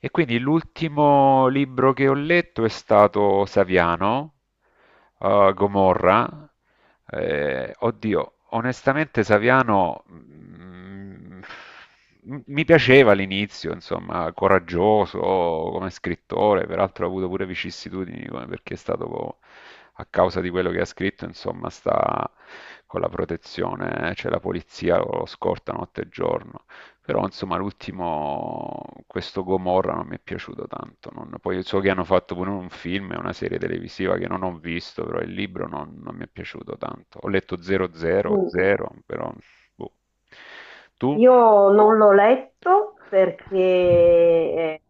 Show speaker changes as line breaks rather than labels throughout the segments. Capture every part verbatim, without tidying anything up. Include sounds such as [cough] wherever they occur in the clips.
E quindi l'ultimo libro che ho letto è stato Saviano, eh, Gomorra. Eh, oddio, onestamente Saviano mm, mm, mi piaceva all'inizio, insomma, coraggioso come scrittore, peraltro ha avuto pure vicissitudini come- perché è stato co- a causa di quello che ha scritto, insomma, sta con la protezione, eh, cioè la polizia lo scorta notte e giorno. Però insomma l'ultimo, questo Gomorra non mi è piaciuto tanto. non- Poi so che hanno fatto pure un film e una serie televisiva che non ho visto, però il libro non, non mi è piaciuto tanto. Ho letto
Mm,
zero zero zero, però boh. Tu?
Io non l'ho letto perché eh,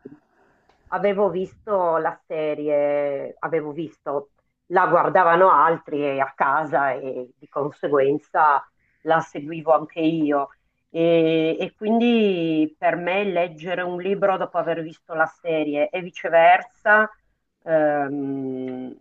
avevo visto la serie, avevo visto, la guardavano altri e a casa e di conseguenza la seguivo anche io. E, e quindi per me leggere un libro dopo aver visto la serie e viceversa, ehm,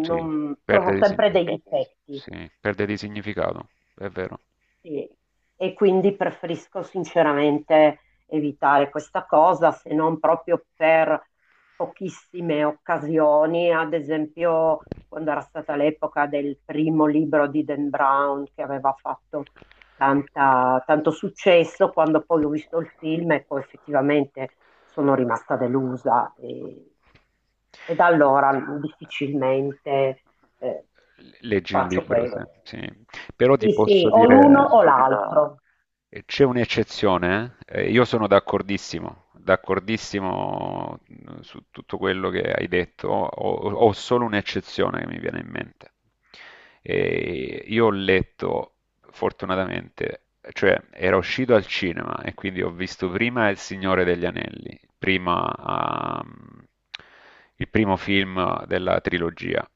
Sì, perde
trovo
di,
sempre
sign-
dei difetti.
sì, perde di significato, è vero.
Sì, e quindi preferisco sinceramente evitare questa cosa, se non proprio per pochissime occasioni, ad esempio quando era stata l'epoca del primo libro di Dan Brown che aveva fatto tanta- tanto successo, quando poi ho visto il film e poi effettivamente sono rimasta delusa e, e da allora difficilmente eh,
Leggi un
faccio
libro,
quello.
se- sì. Però ti
Sì, sì,
posso
o l'uno
dire,
o l'altro.
e c'è un'eccezione, eh? Eh, Io sono d'accordissimo, d'accordissimo mh, su tutto quello che hai detto. Ho, ho- ho solo un'eccezione che mi viene in mente. E io ho letto, fortunatamente, cioè era uscito al cinema e quindi ho visto prima Il Signore degli Anelli, prima, ah, il primo film della trilogia.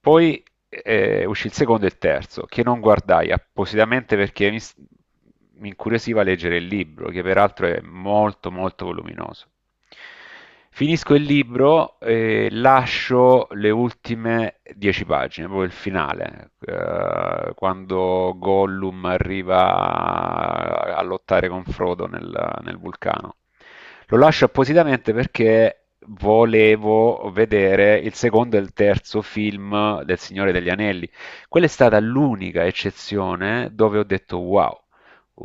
Poi eh, uscì il secondo e il terzo, che non guardai appositamente perché mi, s- mi incuriosiva leggere il libro, che peraltro è molto molto voluminoso. Finisco il libro e lascio le ultime dieci pagine, proprio il finale, eh, quando Gollum arriva a a lottare con Frodo nel, nel vulcano. Lo lascio appositamente perché volevo vedere il secondo e il terzo film del Signore degli Anelli. Quella è stata l'unica eccezione dove ho detto: "Wow,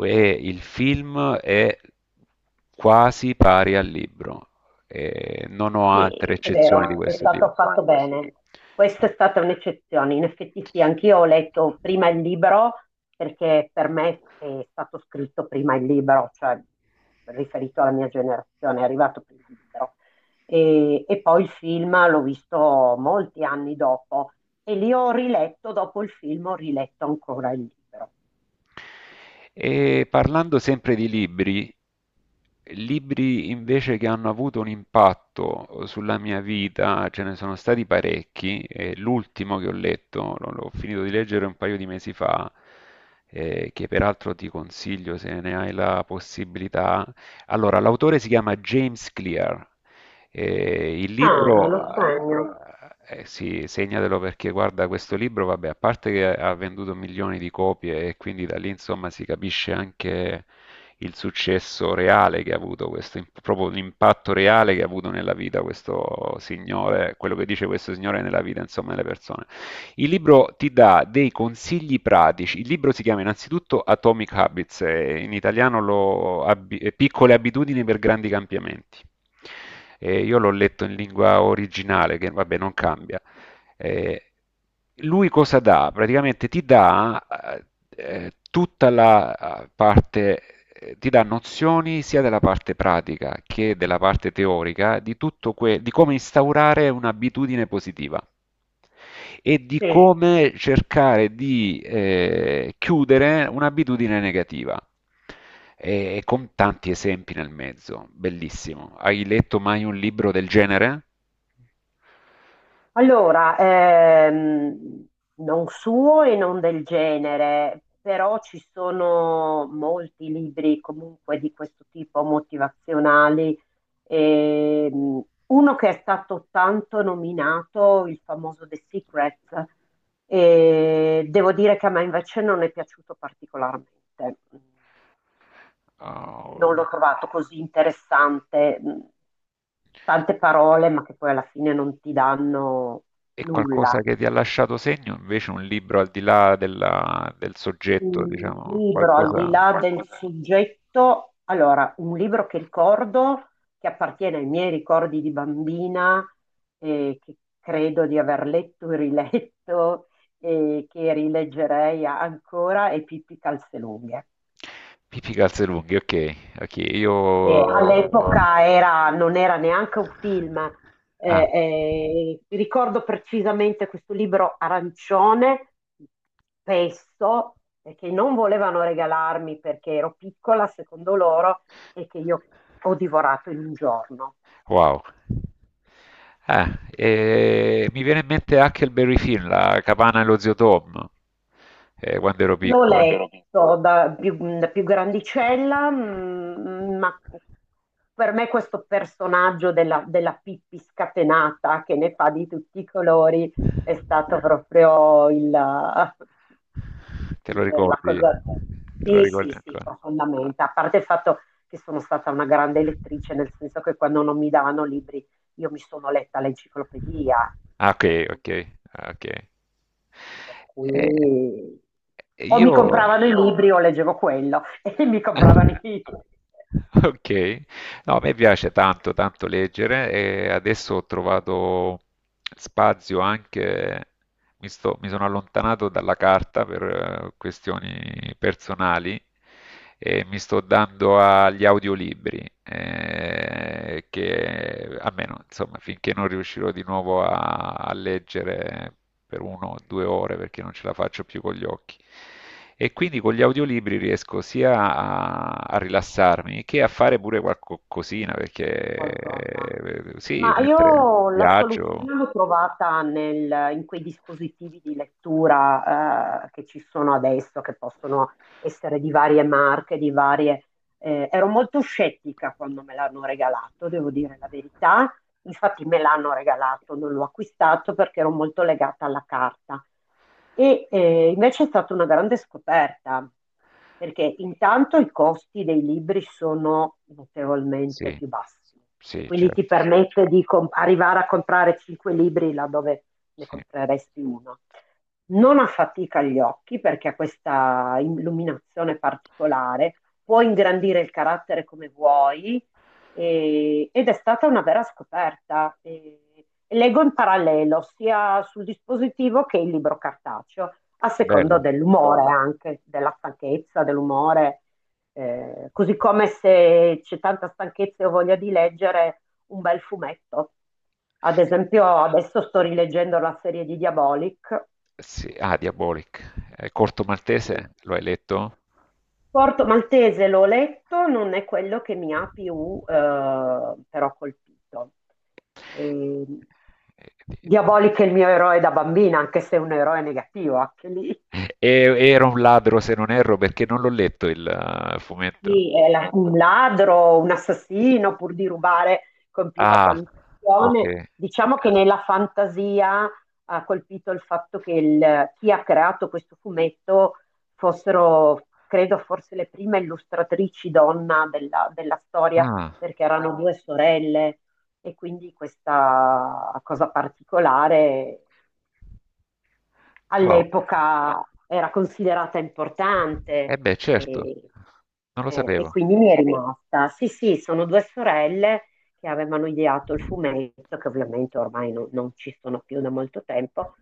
e il film è quasi pari al libro". E non ho altre
Sì, è
eccezioni di
vero, è
questo tipo.
stato fatto bene.
Sì.
Questa è stata un'eccezione. In effetti sì, anch'io ho letto prima il libro perché per me è stato scritto prima il libro, cioè riferito alla mia generazione, è arrivato prima il libro. E, e poi il film l'ho visto molti anni dopo e lì ho riletto, dopo il film ho riletto ancora il libro.
E parlando sempre di libri, libri invece che hanno avuto un impatto eh, sulla mia vita, ce ne sono stati parecchi. e l'ultimo che ho letto, l'ho l'ho finito di leggere un paio di mesi fa, eh, che peraltro ti consiglio se ne hai la possibilità. Allora, l'autore si chiama James Clear eh, il
Ah, Ah, me
libro
lo segno.
eh, eh, sì, segnatelo perché guarda, questo libro, vabbè, a parte che ha venduto milioni di copie e quindi da lì insomma si capisce anche il successo reale che ha avuto questo, im- proprio l'impatto reale che ha avuto nella vita questo signore, quello che dice questo signore nella vita, insomma, delle persone. Il libro ti dà dei consigli pratici. Il libro si chiama innanzitutto Atomic Habits, eh, in italiano lo abbi- eh, Piccole abitudini per grandi cambiamenti. E io l'ho letto in lingua originale, che vabbè non cambia. Eh, Lui cosa dà? Praticamente ti dà eh, eh, tutta la eh, parte, eh, ti dà nozioni sia della parte pratica che della parte teorica di tutto que- di come instaurare un'abitudine positiva e di
Sì.
come cercare di eh, chiudere un'abitudine negativa. E, e con tanti esempi nel mezzo, bellissimo. Hai letto mai un libro del genere?
Allora, ehm, non suo e non del genere, però ci sono molti libri comunque di questo tipo, motivazionali. Ehm, uno che è stato tanto nominato, il famoso The Secret, e devo dire che a me invece non è piaciuto particolarmente.
Oh,
Non l'ho trovato così interessante. Tante parole, ma che poi alla fine non ti danno
E qualcosa
nulla.
che ti ha lasciato segno, invece un libro al di là della- del soggetto,
Un
diciamo,
libro al No, di
qualcosa...
là del questo no, soggetto, allora, un libro che ricordo, che appartiene ai miei ricordi di bambina, eh, che credo di aver letto e riletto e che rileggerei ancora, è Pippi Calzelunghe,
Pippi Calzelunghi, ok, ok,
che
io...
all'epoca era- non era neanche un film.
Ah,
Eh, eh, ricordo precisamente questo libro arancione, spesso, eh, che non volevano regalarmi perché ero piccola, secondo loro, e che io ho divorato in un giorno.
wow. Ah, e mi viene in mente Huckleberry Finn, la Capana e lo zio Tom, eh, quando ero
L'ho quando
piccolo.
ero piccolo, letto da più, da più grandicella, mm, ma per me questo personaggio della, della Pippi scatenata che ne fa di tutti i colori è stato proprio il,
Te lo
il- la
ricordi?
cosa...
Te lo
Sì, sì,
ricordi
sì,
ancora?
profondamente. A parte il fatto che sono stata una grande lettrice, nel senso che quando non mi davano libri io mi sono letta l'enciclopedia,
Ah, ok,
per cui...
ok, ah, ok.
per cui
Eh,
o mi
io
compravano i libri o leggevo quello [laughs] e mi compravano
[laughs]
i
Ok, no, a me piace tanto, tanto leggere e adesso ho trovato spazio anche, mi sto- mi sono allontanato dalla carta per eh, questioni personali e mi sto dando agli audiolibri, eh, che almeno, insomma, finché non riuscirò di nuovo a, a leggere per uno o due ore perché non ce la faccio più con gli occhi. E quindi con gli audiolibri riesco sia a, a rilassarmi che a fare pure qualcosina, perché
qualcosa.
eh, sì,
Ma
mentre
io la
viaggio.
soluzione l'ho trovata nel- in quei dispositivi di lettura eh, che ci sono adesso, che possono essere di varie marche, di varie... eh, Ero molto scettica quando me l'hanno regalato, devo dire la verità, infatti me l'hanno regalato, non l'ho acquistato perché ero molto legata alla carta. E eh, invece è stata una grande scoperta, perché intanto i costi dei libri sono notevolmente
Sì,
più bassi e
sì,
quindi ti
certo,
permette di com- arrivare a comprare cinque libri laddove ne
sì.
compreresti uno. Non affatica gli occhi perché ha questa illuminazione particolare, può ingrandire il carattere come vuoi, e- ed è stata una vera scoperta. E- leggo in parallelo sia sul dispositivo che il libro cartaceo, a secondo
Bello.
dell'umore anche, della stanchezza, dell'umore, eh, così come se c'è tanta stanchezza e ho voglia di leggere un bel fumetto. Ad esempio, adesso sto rileggendo la serie di Diabolic.
Sì. Ah, Diabolic. Eh, Corto Maltese, lo hai letto?
Porto Maltese l'ho letto, non è quello che mi ha più eh, però colpito. E... Diabolic è il mio eroe da bambina, anche se è un eroe negativo, anche lì.
E- era un ladro, se non erro, perché non l'ho letto il eh, fumetto.
Sì, è la- un ladro, un assassino, pur di rubare, colpiva
Ah,
qualunque
ok.
azione. Diciamo che nella fantasia ha colpito il fatto che il- chi ha creato questo fumetto fossero, credo, forse le prime illustratrici donna della, della storia,
Ah,
perché erano due sorelle e quindi questa cosa particolare
wow.
all'epoca era considerata
Eh
importante
beh, certo,
e,
non lo
e- e
sapevo.
quindi mi è rimasta. Sì, sì, sono due sorelle che avevano ideato il fumetto, che ovviamente ormai non non ci sono più da molto tempo,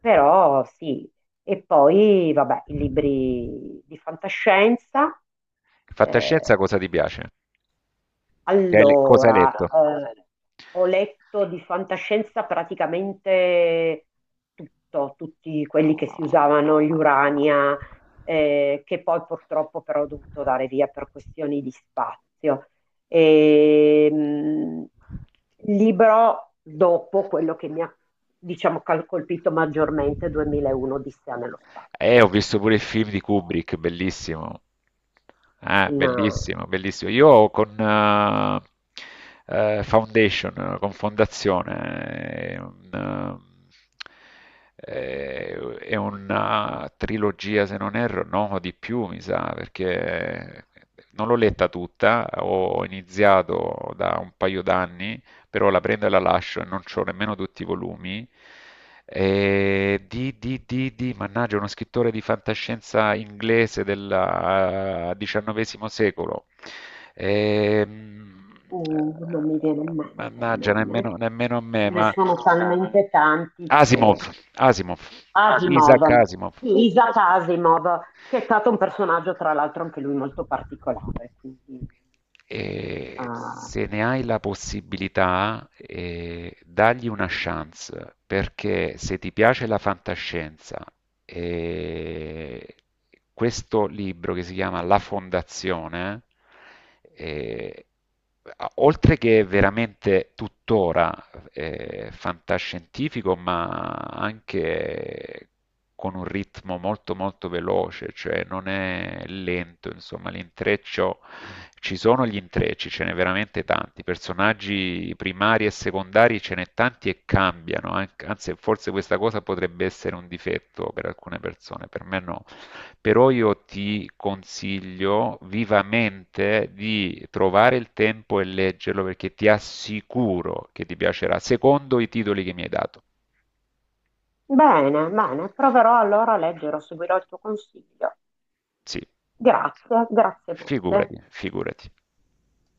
però sì. E poi, vabbè, i libri di fantascienza.
Fantascienza
eh,
cosa ti piace? Che hai le- cosa hai
allora, eh,
letto?
grazie. Ho letto di fantascienza praticamente tutto, tutti quelli che si usavano,
Ah,
gli Urania, eh, che poi purtroppo però ho dovuto dare via per questioni di spazio. E, mh, il libro dopo quello che mi ha, diciamo, cal- colpito maggiormente, duemilauno, Odissea nello spazio.
Eh, ho visto pure il film di Kubrick, bellissimo. Ah,
Una-
bellissimo, bellissimo. Io con eh, eh, Foundation, eh, con Fondazione, è un, eh, è una trilogia, se non erro, no, di più, mi sa, perché non l'ho letta tutta, ho iniziato da un paio d'anni però la prendo e la lascio e non ho nemmeno tutti i volumi. E di, di, di, di, mannaggia, uno scrittore di fantascienza inglese del eh, diciannovesimo secolo. Ehm,
Uh, non mi
eh,
viene in mente il
Mannaggia, nemmeno,
nome.
nemmeno a
Ce
me,
ne
ma
sono talmente tanti
Asimov,
che...
Asimov, Isaac
Asimov,
Asimov.
sì, Isaac Asimov, che è stato un personaggio tra l'altro anche lui molto particolare. Quindi,
E
ah,
se ne hai la possibilità, eh, dagli una chance, perché se ti piace la fantascienza, eh, questo libro che si chiama La Fondazione eh, oltre che veramente tuttora eh, fantascientifico, ma anche con un ritmo molto molto veloce, cioè non è lento, insomma, l'intreccio, ci sono gli intrecci, ce n'è veramente tanti, personaggi primari e secondari ce n'è tanti e cambiano, an- anzi forse questa cosa potrebbe essere un difetto per alcune persone, per me no, però io ti consiglio vivamente di trovare il tempo e leggerlo perché ti assicuro che ti piacerà, secondo i titoli che mi hai dato.
bene, bene, proverò allora a leggere, seguirò il tuo consiglio.
Sì,
Grazie, grazie molte.
figurati, figurati.